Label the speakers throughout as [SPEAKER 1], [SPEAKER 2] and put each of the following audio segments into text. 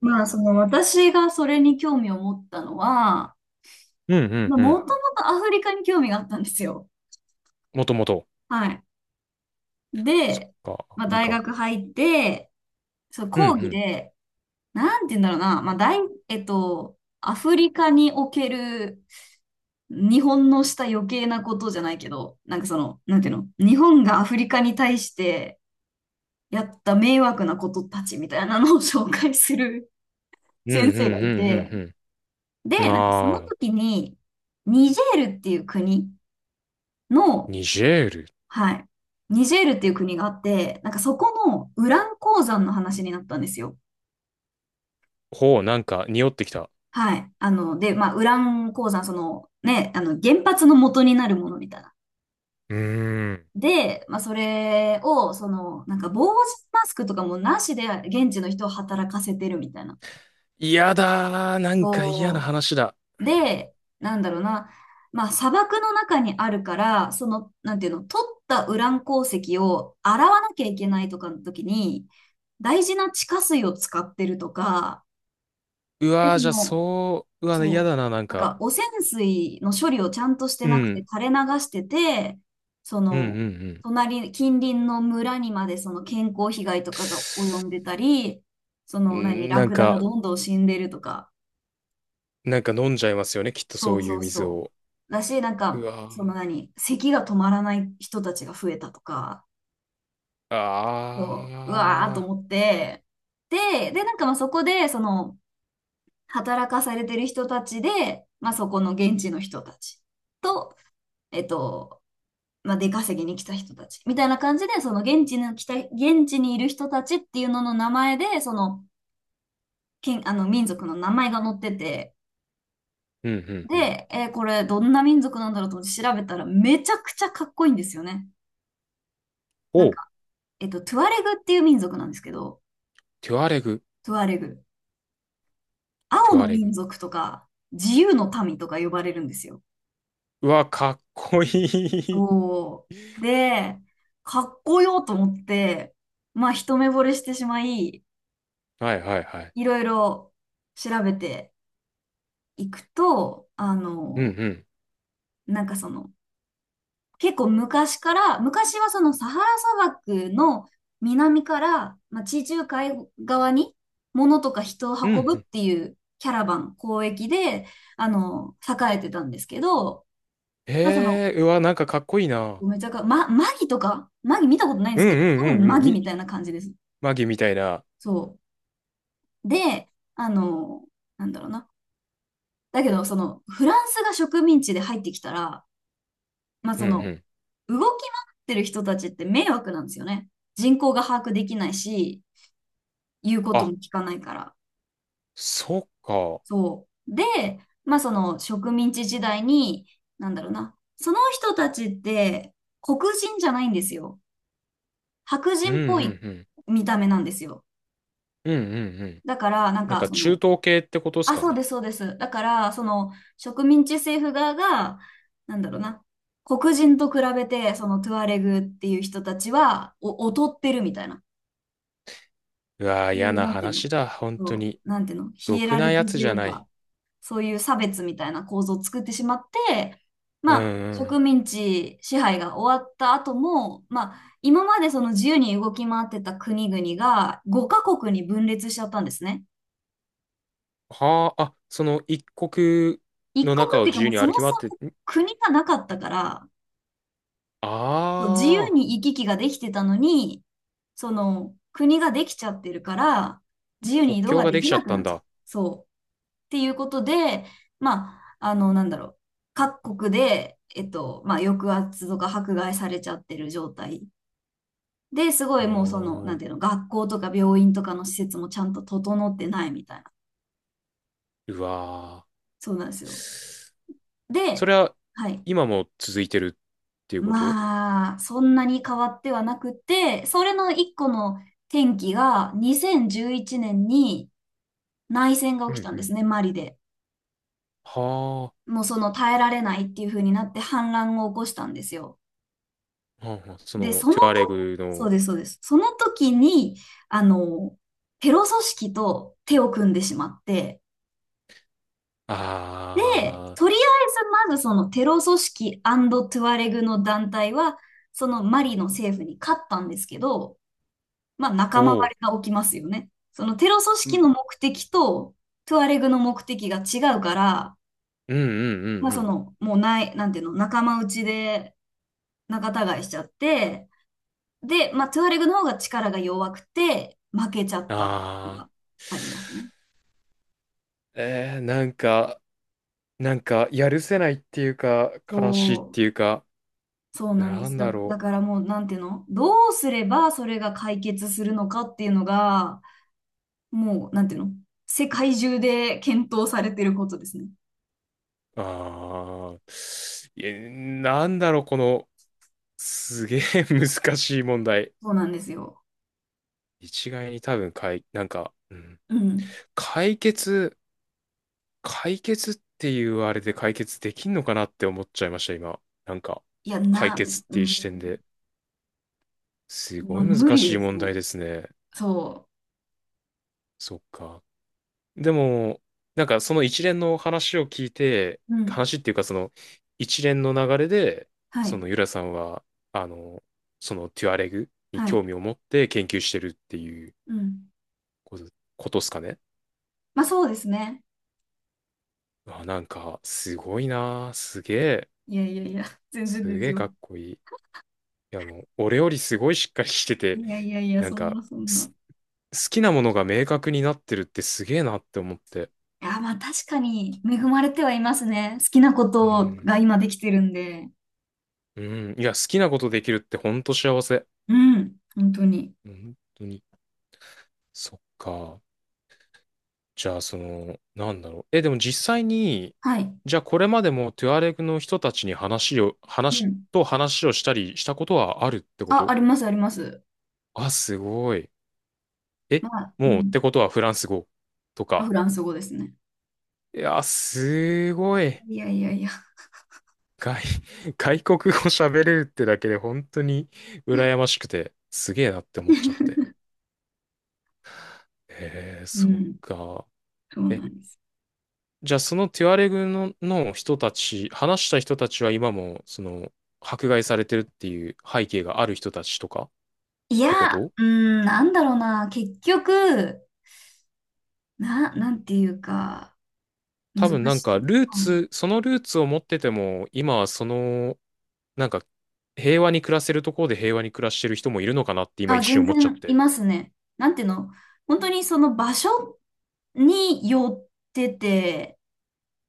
[SPEAKER 1] まあ、その私がそれに興味を持ったのは、
[SPEAKER 2] うんう
[SPEAKER 1] ま
[SPEAKER 2] ん
[SPEAKER 1] あ、
[SPEAKER 2] う
[SPEAKER 1] も
[SPEAKER 2] ん。
[SPEAKER 1] ともとアフリカに興味があったんですよ。
[SPEAKER 2] もともと。
[SPEAKER 1] はい。
[SPEAKER 2] そっ
[SPEAKER 1] で、
[SPEAKER 2] か、ア
[SPEAKER 1] まあ、
[SPEAKER 2] フリ
[SPEAKER 1] 大
[SPEAKER 2] カ。
[SPEAKER 1] 学入って、そう、
[SPEAKER 2] うんう
[SPEAKER 1] 講義
[SPEAKER 2] ん。
[SPEAKER 1] で、なんて言うんだろうな、まあ、大、えっと、アフリカにおける日本のした余計なことじゃないけど、なんかその、なんていうの、日本がアフリカに対してやった迷惑なことたちみたいなのを紹介する
[SPEAKER 2] うん
[SPEAKER 1] 先
[SPEAKER 2] うん
[SPEAKER 1] 生がい
[SPEAKER 2] うん
[SPEAKER 1] て、
[SPEAKER 2] うん
[SPEAKER 1] で、
[SPEAKER 2] うん。
[SPEAKER 1] なんかその
[SPEAKER 2] まあ、
[SPEAKER 1] 時に、ニジェールっていう国の、
[SPEAKER 2] ニジェール。
[SPEAKER 1] はい、ニジェールっていう国があって、なんかそこのウラン鉱山の話になったんですよ。
[SPEAKER 2] ほう、なんか匂ってきた。
[SPEAKER 1] はい。あの、で、まあ、ウラン鉱山、その、ね、あの、原発の元になるものみたいな。
[SPEAKER 2] うーん。
[SPEAKER 1] で、まあ、それを、その、なんか、防塵マスクとかもなしで、現地の人を働かせてるみたいな。
[SPEAKER 2] 嫌だー。なんか嫌な
[SPEAKER 1] こ
[SPEAKER 2] 話だ。
[SPEAKER 1] うで、なんだろうな、まあ砂漠の中にあるから、その、なんていうの、取ったウラン鉱石を洗わなきゃいけないとかの時に、大事な地下水を使ってるとか、
[SPEAKER 2] う
[SPEAKER 1] で、
[SPEAKER 2] わー、
[SPEAKER 1] そ
[SPEAKER 2] じゃあ
[SPEAKER 1] の、
[SPEAKER 2] そう、うわ、
[SPEAKER 1] そ
[SPEAKER 2] 嫌
[SPEAKER 1] う、
[SPEAKER 2] だな、なん
[SPEAKER 1] なん
[SPEAKER 2] か。
[SPEAKER 1] か汚染水の処理をちゃんとして
[SPEAKER 2] う
[SPEAKER 1] なくて
[SPEAKER 2] ん。
[SPEAKER 1] 垂れ流してて、そ
[SPEAKER 2] うんうん
[SPEAKER 1] の、
[SPEAKER 2] うん。
[SPEAKER 1] 近隣の村にまでその健康被害とかが及んでたり、その、何、
[SPEAKER 2] んー
[SPEAKER 1] ラ
[SPEAKER 2] なん
[SPEAKER 1] クダが
[SPEAKER 2] か、
[SPEAKER 1] どんどん死んでるとか、
[SPEAKER 2] なんか飲んじゃいますよね、きっと
[SPEAKER 1] そ
[SPEAKER 2] そ
[SPEAKER 1] う
[SPEAKER 2] うい
[SPEAKER 1] そ
[SPEAKER 2] う
[SPEAKER 1] う
[SPEAKER 2] 水
[SPEAKER 1] そ
[SPEAKER 2] を。
[SPEAKER 1] う。だし、なん
[SPEAKER 2] う
[SPEAKER 1] か、
[SPEAKER 2] わ
[SPEAKER 1] その
[SPEAKER 2] ー。
[SPEAKER 1] 何、咳が止まらない人たちが増えたとか、そう、うわーと
[SPEAKER 2] あ
[SPEAKER 1] 思っ
[SPEAKER 2] ー。
[SPEAKER 1] て、で、なんかまあそこで、その、働かされてる人たちで、まあそこの現地の人たちと、えっと、まあ出稼ぎに来た人たち、みたいな感じで、現地にいる人たちっていうのの名前で、その、あの民族の名前が載ってて、
[SPEAKER 2] うんうんうん。
[SPEAKER 1] で、これどんな民族なんだろうと思って調べたらめちゃくちゃかっこいいんですよね。な
[SPEAKER 2] お
[SPEAKER 1] ん
[SPEAKER 2] う、
[SPEAKER 1] か、トゥアレグっていう民族なんですけど、
[SPEAKER 2] テュアレグ、
[SPEAKER 1] トゥアレグ。
[SPEAKER 2] テ
[SPEAKER 1] 青
[SPEAKER 2] ュア
[SPEAKER 1] の
[SPEAKER 2] レグ。
[SPEAKER 1] 民族とか、自由の民とか呼ばれるんですよ。
[SPEAKER 2] うわ、かっこいい。
[SPEAKER 1] そう。で、かっこよと思って、まあ、一目惚れしてしまい、
[SPEAKER 2] はいはいはい。
[SPEAKER 1] いろいろ調べていくと、あ
[SPEAKER 2] うんう
[SPEAKER 1] の、
[SPEAKER 2] ん。
[SPEAKER 1] なんかその、結構昔から、昔はそのサハラ砂漠の南から、まあ、地中海側に物とか人を
[SPEAKER 2] うんう
[SPEAKER 1] 運ぶっ
[SPEAKER 2] ん。
[SPEAKER 1] ていうキャラバン、交易で、あの、栄えてたんですけど、まあ、その、
[SPEAKER 2] へえうわ、なんかかっこいいな。
[SPEAKER 1] めちゃか、ま、マギとかマギ見たことないんで
[SPEAKER 2] う
[SPEAKER 1] す
[SPEAKER 2] ん
[SPEAKER 1] けど、
[SPEAKER 2] うん
[SPEAKER 1] 多
[SPEAKER 2] う
[SPEAKER 1] 分
[SPEAKER 2] んう
[SPEAKER 1] マ
[SPEAKER 2] ん。
[SPEAKER 1] ギ
[SPEAKER 2] み、
[SPEAKER 1] みたいな感じです。
[SPEAKER 2] マギみたいな。
[SPEAKER 1] そう。で、あの、なんだろうな。だけど、その、フランスが植民地で入ってきたら、まあ、
[SPEAKER 2] う
[SPEAKER 1] そ
[SPEAKER 2] んう
[SPEAKER 1] の、
[SPEAKER 2] ん。
[SPEAKER 1] 動き回ってる人たちって迷惑なんですよね。人口が把握できないし、言うこと
[SPEAKER 2] あ、
[SPEAKER 1] も聞かないから。
[SPEAKER 2] そっか。
[SPEAKER 1] そう。で、まあその植民地時代に、なんだろうな。その人たちって黒人じゃないんですよ。白
[SPEAKER 2] うん
[SPEAKER 1] 人
[SPEAKER 2] う
[SPEAKER 1] っ
[SPEAKER 2] んう
[SPEAKER 1] ぽい
[SPEAKER 2] ん。
[SPEAKER 1] 見た目なんですよ。
[SPEAKER 2] うんうんうん。
[SPEAKER 1] だから、なん
[SPEAKER 2] なん
[SPEAKER 1] か
[SPEAKER 2] か
[SPEAKER 1] そ
[SPEAKER 2] 中
[SPEAKER 1] の、
[SPEAKER 2] 東系ってことです
[SPEAKER 1] あ、
[SPEAKER 2] か
[SPEAKER 1] そう
[SPEAKER 2] ね。
[SPEAKER 1] です、そうです。だから、その植民地政府側が、なんだろうな。黒人と比べて、そのトゥアレグっていう人たちは、劣ってるみたいな。
[SPEAKER 2] うわー、
[SPEAKER 1] そう
[SPEAKER 2] 嫌
[SPEAKER 1] いう
[SPEAKER 2] な
[SPEAKER 1] なんていうの、
[SPEAKER 2] 話だ。本当
[SPEAKER 1] そ
[SPEAKER 2] に。
[SPEAKER 1] う、なんていうの、ヒ
[SPEAKER 2] ろ
[SPEAKER 1] エ
[SPEAKER 2] く
[SPEAKER 1] ラ
[SPEAKER 2] な
[SPEAKER 1] ルキ
[SPEAKER 2] や
[SPEAKER 1] ー
[SPEAKER 2] つ
[SPEAKER 1] と
[SPEAKER 2] じ
[SPEAKER 1] い
[SPEAKER 2] ゃ
[SPEAKER 1] う
[SPEAKER 2] ない。
[SPEAKER 1] か、そういう差別みたいな構造を作ってしまって、
[SPEAKER 2] うん
[SPEAKER 1] まあ、
[SPEAKER 2] うん。
[SPEAKER 1] 植民地支配が終わった後も、まあ、今までその自由に動き回ってた国々が5カ国に分裂しちゃったんですね。
[SPEAKER 2] はあ、あ、その一国
[SPEAKER 1] 一
[SPEAKER 2] の
[SPEAKER 1] 国
[SPEAKER 2] 中
[SPEAKER 1] っ
[SPEAKER 2] を
[SPEAKER 1] ていうか
[SPEAKER 2] 自由
[SPEAKER 1] もう
[SPEAKER 2] に
[SPEAKER 1] そも
[SPEAKER 2] 歩き回
[SPEAKER 1] そ
[SPEAKER 2] って、
[SPEAKER 1] も
[SPEAKER 2] ん
[SPEAKER 1] 国がなかったから、
[SPEAKER 2] あ
[SPEAKER 1] そう自由
[SPEAKER 2] あ
[SPEAKER 1] に行き来ができてたのに、その国ができちゃってるから、自由
[SPEAKER 2] ー、
[SPEAKER 1] に
[SPEAKER 2] 国
[SPEAKER 1] 移動
[SPEAKER 2] 境
[SPEAKER 1] が
[SPEAKER 2] が
[SPEAKER 1] で
[SPEAKER 2] で
[SPEAKER 1] き
[SPEAKER 2] きちゃ
[SPEAKER 1] な
[SPEAKER 2] っ
[SPEAKER 1] く
[SPEAKER 2] た
[SPEAKER 1] な
[SPEAKER 2] ん
[SPEAKER 1] っちゃう。
[SPEAKER 2] だ。
[SPEAKER 1] そう。っていうことで、まあ、あの、なんだろう。各国で、まあ、抑圧とか迫害されちゃってる状態。で、すごいもうその、なん
[SPEAKER 2] おー、
[SPEAKER 1] ていうの、学校とか病院とかの施設もちゃんと整ってないみたいな。
[SPEAKER 2] うわ
[SPEAKER 1] そうなんですよ。
[SPEAKER 2] ー。そ
[SPEAKER 1] で、
[SPEAKER 2] れは
[SPEAKER 1] はい。
[SPEAKER 2] 今も続いてるっていうこと？
[SPEAKER 1] まあ、そんなに変わってはなくて、それの一個の転機が2011年に内戦が
[SPEAKER 2] う
[SPEAKER 1] 起き
[SPEAKER 2] ん
[SPEAKER 1] たん
[SPEAKER 2] う
[SPEAKER 1] で
[SPEAKER 2] ん、
[SPEAKER 1] すね、マリで。
[SPEAKER 2] はあ、は
[SPEAKER 1] もうその耐えられないっていう風になって反乱を起こしたんですよ。
[SPEAKER 2] あはあ、そ
[SPEAKER 1] で、
[SPEAKER 2] の、
[SPEAKER 1] その
[SPEAKER 2] トゥアレ
[SPEAKER 1] と、
[SPEAKER 2] グ
[SPEAKER 1] そう
[SPEAKER 2] の、
[SPEAKER 1] です、そうです。その時に、あの、テロ組織と手を組んでしまって、で、
[SPEAKER 2] ああ、
[SPEAKER 1] とりあえずまずそのテロ組織トゥアレグの団体は、そのマリの政府に勝ったんですけど、まあ、仲間
[SPEAKER 2] おう、
[SPEAKER 1] 割れが起きますよね。そのテロ組
[SPEAKER 2] う
[SPEAKER 1] 織
[SPEAKER 2] ん、
[SPEAKER 1] の目的とトゥアレグの目的が違うから、
[SPEAKER 2] うんうんう
[SPEAKER 1] ま
[SPEAKER 2] ん
[SPEAKER 1] あ、
[SPEAKER 2] う
[SPEAKER 1] そ
[SPEAKER 2] ん、
[SPEAKER 1] の、もうない、なんていうの、仲間内で仲違いしちゃって、で、まあ、トゥアレグの方が力が弱くて、負けちゃったの
[SPEAKER 2] ああ、
[SPEAKER 1] がありますね。
[SPEAKER 2] えー、なんか、なんか、やるせないっていうか、
[SPEAKER 1] そ
[SPEAKER 2] 悲しいっ
[SPEAKER 1] う、
[SPEAKER 2] ていうか、
[SPEAKER 1] そうなんで
[SPEAKER 2] な
[SPEAKER 1] す。
[SPEAKER 2] ん
[SPEAKER 1] だ、
[SPEAKER 2] だ
[SPEAKER 1] だ
[SPEAKER 2] ろ
[SPEAKER 1] からもう、なんていうの、どうすればそれが解決するのかっていうのが、もう、なんていうの、世界中で検討されてることですね。
[SPEAKER 2] う、ああ、いやなんだろう、この、すげえ 難しい問題。
[SPEAKER 1] そうなんですよ。
[SPEAKER 2] 一概に多分、かい、なんか、うん、
[SPEAKER 1] うん。
[SPEAKER 2] 解決、解決っていうあれで解決できんのかなって思っちゃいました、今。なんか、
[SPEAKER 1] いや、
[SPEAKER 2] 解決っ
[SPEAKER 1] う
[SPEAKER 2] ていう視点
[SPEAKER 1] ん、
[SPEAKER 2] で。す
[SPEAKER 1] ま
[SPEAKER 2] ご
[SPEAKER 1] あ、
[SPEAKER 2] い難
[SPEAKER 1] 無理
[SPEAKER 2] しい
[SPEAKER 1] です
[SPEAKER 2] 問
[SPEAKER 1] ね。
[SPEAKER 2] 題ですね。
[SPEAKER 1] そ
[SPEAKER 2] そっか。でも、なんかその一連の話を聞いて、
[SPEAKER 1] う。うん。
[SPEAKER 2] 話っていうかその一連の流れで、
[SPEAKER 1] は
[SPEAKER 2] そ
[SPEAKER 1] い。
[SPEAKER 2] のユラさんは、あの、そのテュアレグに
[SPEAKER 1] はい。
[SPEAKER 2] 興味を持って研究してるっていう
[SPEAKER 1] うん。
[SPEAKER 2] ことことっすかね。
[SPEAKER 1] まあ、そうですね。
[SPEAKER 2] あ、なんか、すごいなあすげえ、
[SPEAKER 1] いやいやいや、全然
[SPEAKER 2] す
[SPEAKER 1] で
[SPEAKER 2] げ
[SPEAKER 1] す
[SPEAKER 2] え
[SPEAKER 1] よ。
[SPEAKER 2] かっこいい。いやもう、俺よりすごいしっかりしてて、
[SPEAKER 1] いやいやいや、
[SPEAKER 2] なん
[SPEAKER 1] そん
[SPEAKER 2] か、
[SPEAKER 1] なそんな。
[SPEAKER 2] す、好きなものが明確になってるってすげえなって思って。
[SPEAKER 1] いや、まあ、確かに恵まれてはいますね。好きなこ
[SPEAKER 2] う
[SPEAKER 1] と
[SPEAKER 2] ん。
[SPEAKER 1] が今できてるんで。
[SPEAKER 2] うん。いや、好きなことできるってほんと幸せ。
[SPEAKER 1] うん。本当に。
[SPEAKER 2] 本当に。そっか。じゃあ、その、なんだろう。え、でも実際に、
[SPEAKER 1] はい。
[SPEAKER 2] じゃあこれまでもトゥアレクの人たちに話を、
[SPEAKER 1] う
[SPEAKER 2] 話、
[SPEAKER 1] ん。
[SPEAKER 2] と話をしたりしたことはあるってこ
[SPEAKER 1] あ、あ
[SPEAKER 2] と？
[SPEAKER 1] ります、あります。
[SPEAKER 2] あ、すごい。え、
[SPEAKER 1] まあ、う
[SPEAKER 2] もうっ
[SPEAKER 1] ん。
[SPEAKER 2] てことはフランス語と
[SPEAKER 1] フ
[SPEAKER 2] か。
[SPEAKER 1] ランス語ですね。
[SPEAKER 2] いや、すごい。
[SPEAKER 1] いやいやいや。
[SPEAKER 2] 外、外国語喋れるってだけで本当に羨ましくて、すげえなって思っちゃって。えー、
[SPEAKER 1] う
[SPEAKER 2] そっ
[SPEAKER 1] ん。
[SPEAKER 2] か。
[SPEAKER 1] そう
[SPEAKER 2] え、
[SPEAKER 1] なんです。
[SPEAKER 2] じゃあそのテュアレグの、の人たち、話した人たちは今も、その、迫害されてるっていう背景がある人たちとかっ
[SPEAKER 1] い
[SPEAKER 2] てこ
[SPEAKER 1] や、
[SPEAKER 2] と？
[SPEAKER 1] うん、なんだろうな。結局、なんていうか、難
[SPEAKER 2] 多分なん
[SPEAKER 1] し
[SPEAKER 2] か
[SPEAKER 1] い。
[SPEAKER 2] ルー
[SPEAKER 1] うん
[SPEAKER 2] ツ、そのルーツを持ってても、今はその、なんか平和に暮らせるところで平和に暮らしてる人もいるのかなって今
[SPEAKER 1] あ、
[SPEAKER 2] 一瞬
[SPEAKER 1] 全
[SPEAKER 2] 思っちゃっ
[SPEAKER 1] 然い
[SPEAKER 2] て。
[SPEAKER 1] ますね。なんていうの、本当にその場所によってて、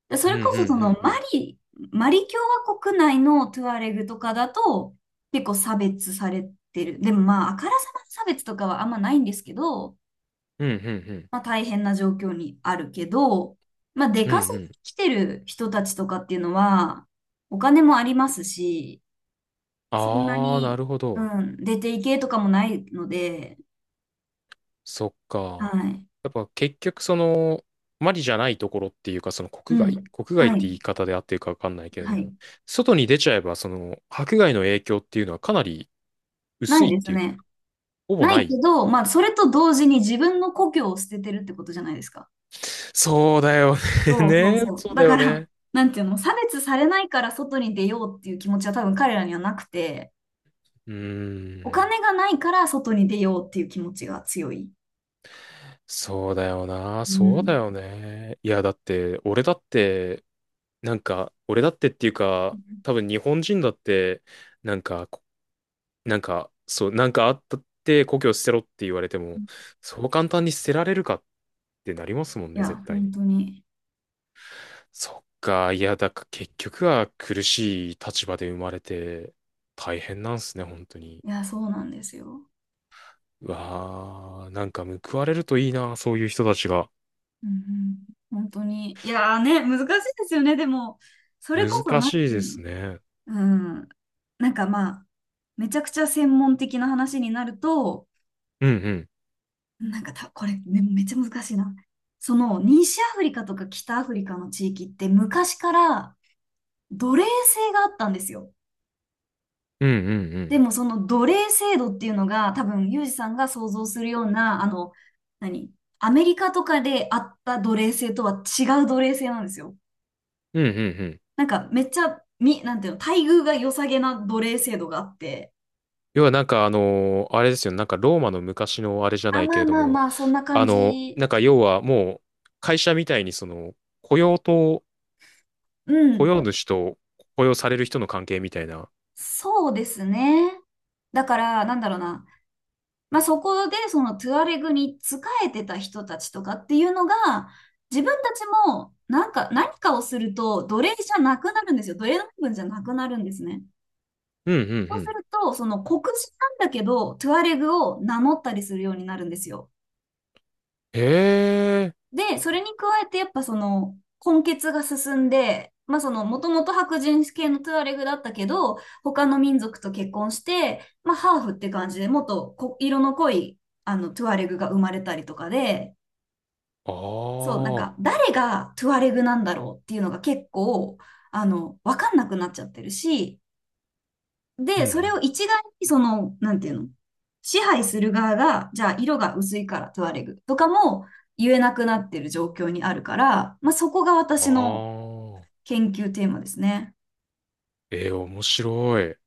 [SPEAKER 1] でそ
[SPEAKER 2] うんう
[SPEAKER 1] れ
[SPEAKER 2] んう
[SPEAKER 1] こそその
[SPEAKER 2] んう
[SPEAKER 1] マ
[SPEAKER 2] ん。
[SPEAKER 1] リ、マリ共和国内のトゥアレグとかだと結構差別されてる。でもまあ、あからさまな差別とかはあんまないんですけど、
[SPEAKER 2] うんうんうん。
[SPEAKER 1] まあ大変な状況にあるけど、まあ出
[SPEAKER 2] うんう
[SPEAKER 1] 稼ぎ
[SPEAKER 2] ん、
[SPEAKER 1] 来てる人たちとかっていうのはお金もありますし、そんな
[SPEAKER 2] ああ、な
[SPEAKER 1] に、
[SPEAKER 2] るほど。
[SPEAKER 1] うん、出ていけとかもないので、
[SPEAKER 2] そっ
[SPEAKER 1] は
[SPEAKER 2] か。
[SPEAKER 1] い。
[SPEAKER 2] やっぱ結局その、マリじゃないところっていうか、その
[SPEAKER 1] う
[SPEAKER 2] 国外
[SPEAKER 1] ん。
[SPEAKER 2] 国外っ
[SPEAKER 1] は
[SPEAKER 2] て
[SPEAKER 1] い。
[SPEAKER 2] 言い方で合ってるかわかんないけれど
[SPEAKER 1] はい。
[SPEAKER 2] も、外に出ちゃえば、その、迫害の影響っていうのはかなり
[SPEAKER 1] な
[SPEAKER 2] 薄
[SPEAKER 1] い
[SPEAKER 2] いっ
[SPEAKER 1] です
[SPEAKER 2] ていうか、
[SPEAKER 1] ね。
[SPEAKER 2] ほぼ
[SPEAKER 1] ない
[SPEAKER 2] な
[SPEAKER 1] け
[SPEAKER 2] い。
[SPEAKER 1] ど、まあ、それと同時に自分の故郷を捨ててるってことじゃないですか。
[SPEAKER 2] そうだよ
[SPEAKER 1] そうそう
[SPEAKER 2] ね。ね。
[SPEAKER 1] そ
[SPEAKER 2] そ
[SPEAKER 1] う。
[SPEAKER 2] うだ
[SPEAKER 1] だ
[SPEAKER 2] よ
[SPEAKER 1] から、
[SPEAKER 2] ね。
[SPEAKER 1] なんていうの、差別されないから外に出ようっていう気持ちは多分彼らにはなくて、
[SPEAKER 2] うー
[SPEAKER 1] お
[SPEAKER 2] ん。
[SPEAKER 1] 金がないから外に出ようっていう気持ちが強い。
[SPEAKER 2] そうだよな。
[SPEAKER 1] う
[SPEAKER 2] そうだ
[SPEAKER 1] ん。
[SPEAKER 2] よね。いや、だって、俺だって、なんか、俺だってっていうか、多分日本人だって、なんかなんか、そう、なんかあったって故郷捨てろって言われても、そう簡単に捨てられるかってなりますもん
[SPEAKER 1] い
[SPEAKER 2] ね、絶
[SPEAKER 1] や、
[SPEAKER 2] 対
[SPEAKER 1] 本
[SPEAKER 2] に。
[SPEAKER 1] 当に。
[SPEAKER 2] そっか、いや、だから結局は苦しい立場で生まれて大変なんすね、本当に。
[SPEAKER 1] いや、そうなんですよ。
[SPEAKER 2] うわー、なんか報われるといいな、そういう人たちが。
[SPEAKER 1] うんうん本当に。いやーね、難しいですよね。でも、それこそ、
[SPEAKER 2] 難
[SPEAKER 1] なん
[SPEAKER 2] しい
[SPEAKER 1] てい
[SPEAKER 2] で
[SPEAKER 1] う
[SPEAKER 2] すね。
[SPEAKER 1] の、うん、なんかまあ、めちゃくちゃ専門的な話になると、
[SPEAKER 2] うんうん。
[SPEAKER 1] なんかた、これ、ね、めっちゃ難しいな。その、西アフリカとか北アフリカの地域って昔から奴隷制があったんですよ。
[SPEAKER 2] うんうんう
[SPEAKER 1] で
[SPEAKER 2] ん。
[SPEAKER 1] も、その奴隷制度っていうのが、多分、ユージさんが想像するような、あの、何アメリカとかであった奴隷制とは違う奴隷制なんですよ。
[SPEAKER 2] うんうんうん。
[SPEAKER 1] なんかめっちゃ、み、なんていうの、待遇が良さげな奴隷制度があって、
[SPEAKER 2] 要はなんかあの、あれですよね。なんかローマの昔のあれじゃ
[SPEAKER 1] あ、
[SPEAKER 2] ないけ
[SPEAKER 1] まあ
[SPEAKER 2] れど
[SPEAKER 1] まあ
[SPEAKER 2] も、
[SPEAKER 1] まあ、そんな感
[SPEAKER 2] あの、
[SPEAKER 1] じ。
[SPEAKER 2] なんか要はもう会社みたいにその雇用と、
[SPEAKER 1] う
[SPEAKER 2] 雇
[SPEAKER 1] ん、
[SPEAKER 2] 用主と雇用される人の関係みたいな。
[SPEAKER 1] そうですね。だから、なんだろうな。まあ、そこで、そのトゥアレグに仕えてた人たちとかっていうのが、自分たちも、なんか、何かをすると、奴隷じゃなくなるんですよ。奴隷の部分じゃなくなるんですね。
[SPEAKER 2] うんうん
[SPEAKER 1] そ
[SPEAKER 2] う
[SPEAKER 1] うす
[SPEAKER 2] ん。
[SPEAKER 1] ると、その黒人なんだけど、トゥアレグを名乗ったりするようになるんですよ。
[SPEAKER 2] へえ、
[SPEAKER 1] で、それに加えてやっぱその混血が進んで、まあそのもともと白人系のトゥアレグだったけど、他の民族と結婚して、まあハーフって感じでもっとこ色の濃いあのトゥアレグが生まれたりとかで、
[SPEAKER 2] あ
[SPEAKER 1] そう、なん
[SPEAKER 2] あ、
[SPEAKER 1] か誰がトゥアレグなんだろうっていうのが結構、あの、わかんなくなっちゃってるし、
[SPEAKER 2] うん
[SPEAKER 1] で、
[SPEAKER 2] う
[SPEAKER 1] それを
[SPEAKER 2] ん。
[SPEAKER 1] 一概にその、なんていうの、支配する側が、じゃあ色が薄いからトゥアレグとかも言えなくなってる状況にあるから、まあ、そこが私の
[SPEAKER 2] ああ、
[SPEAKER 1] 研究テーマですね。
[SPEAKER 2] ええ、面白い。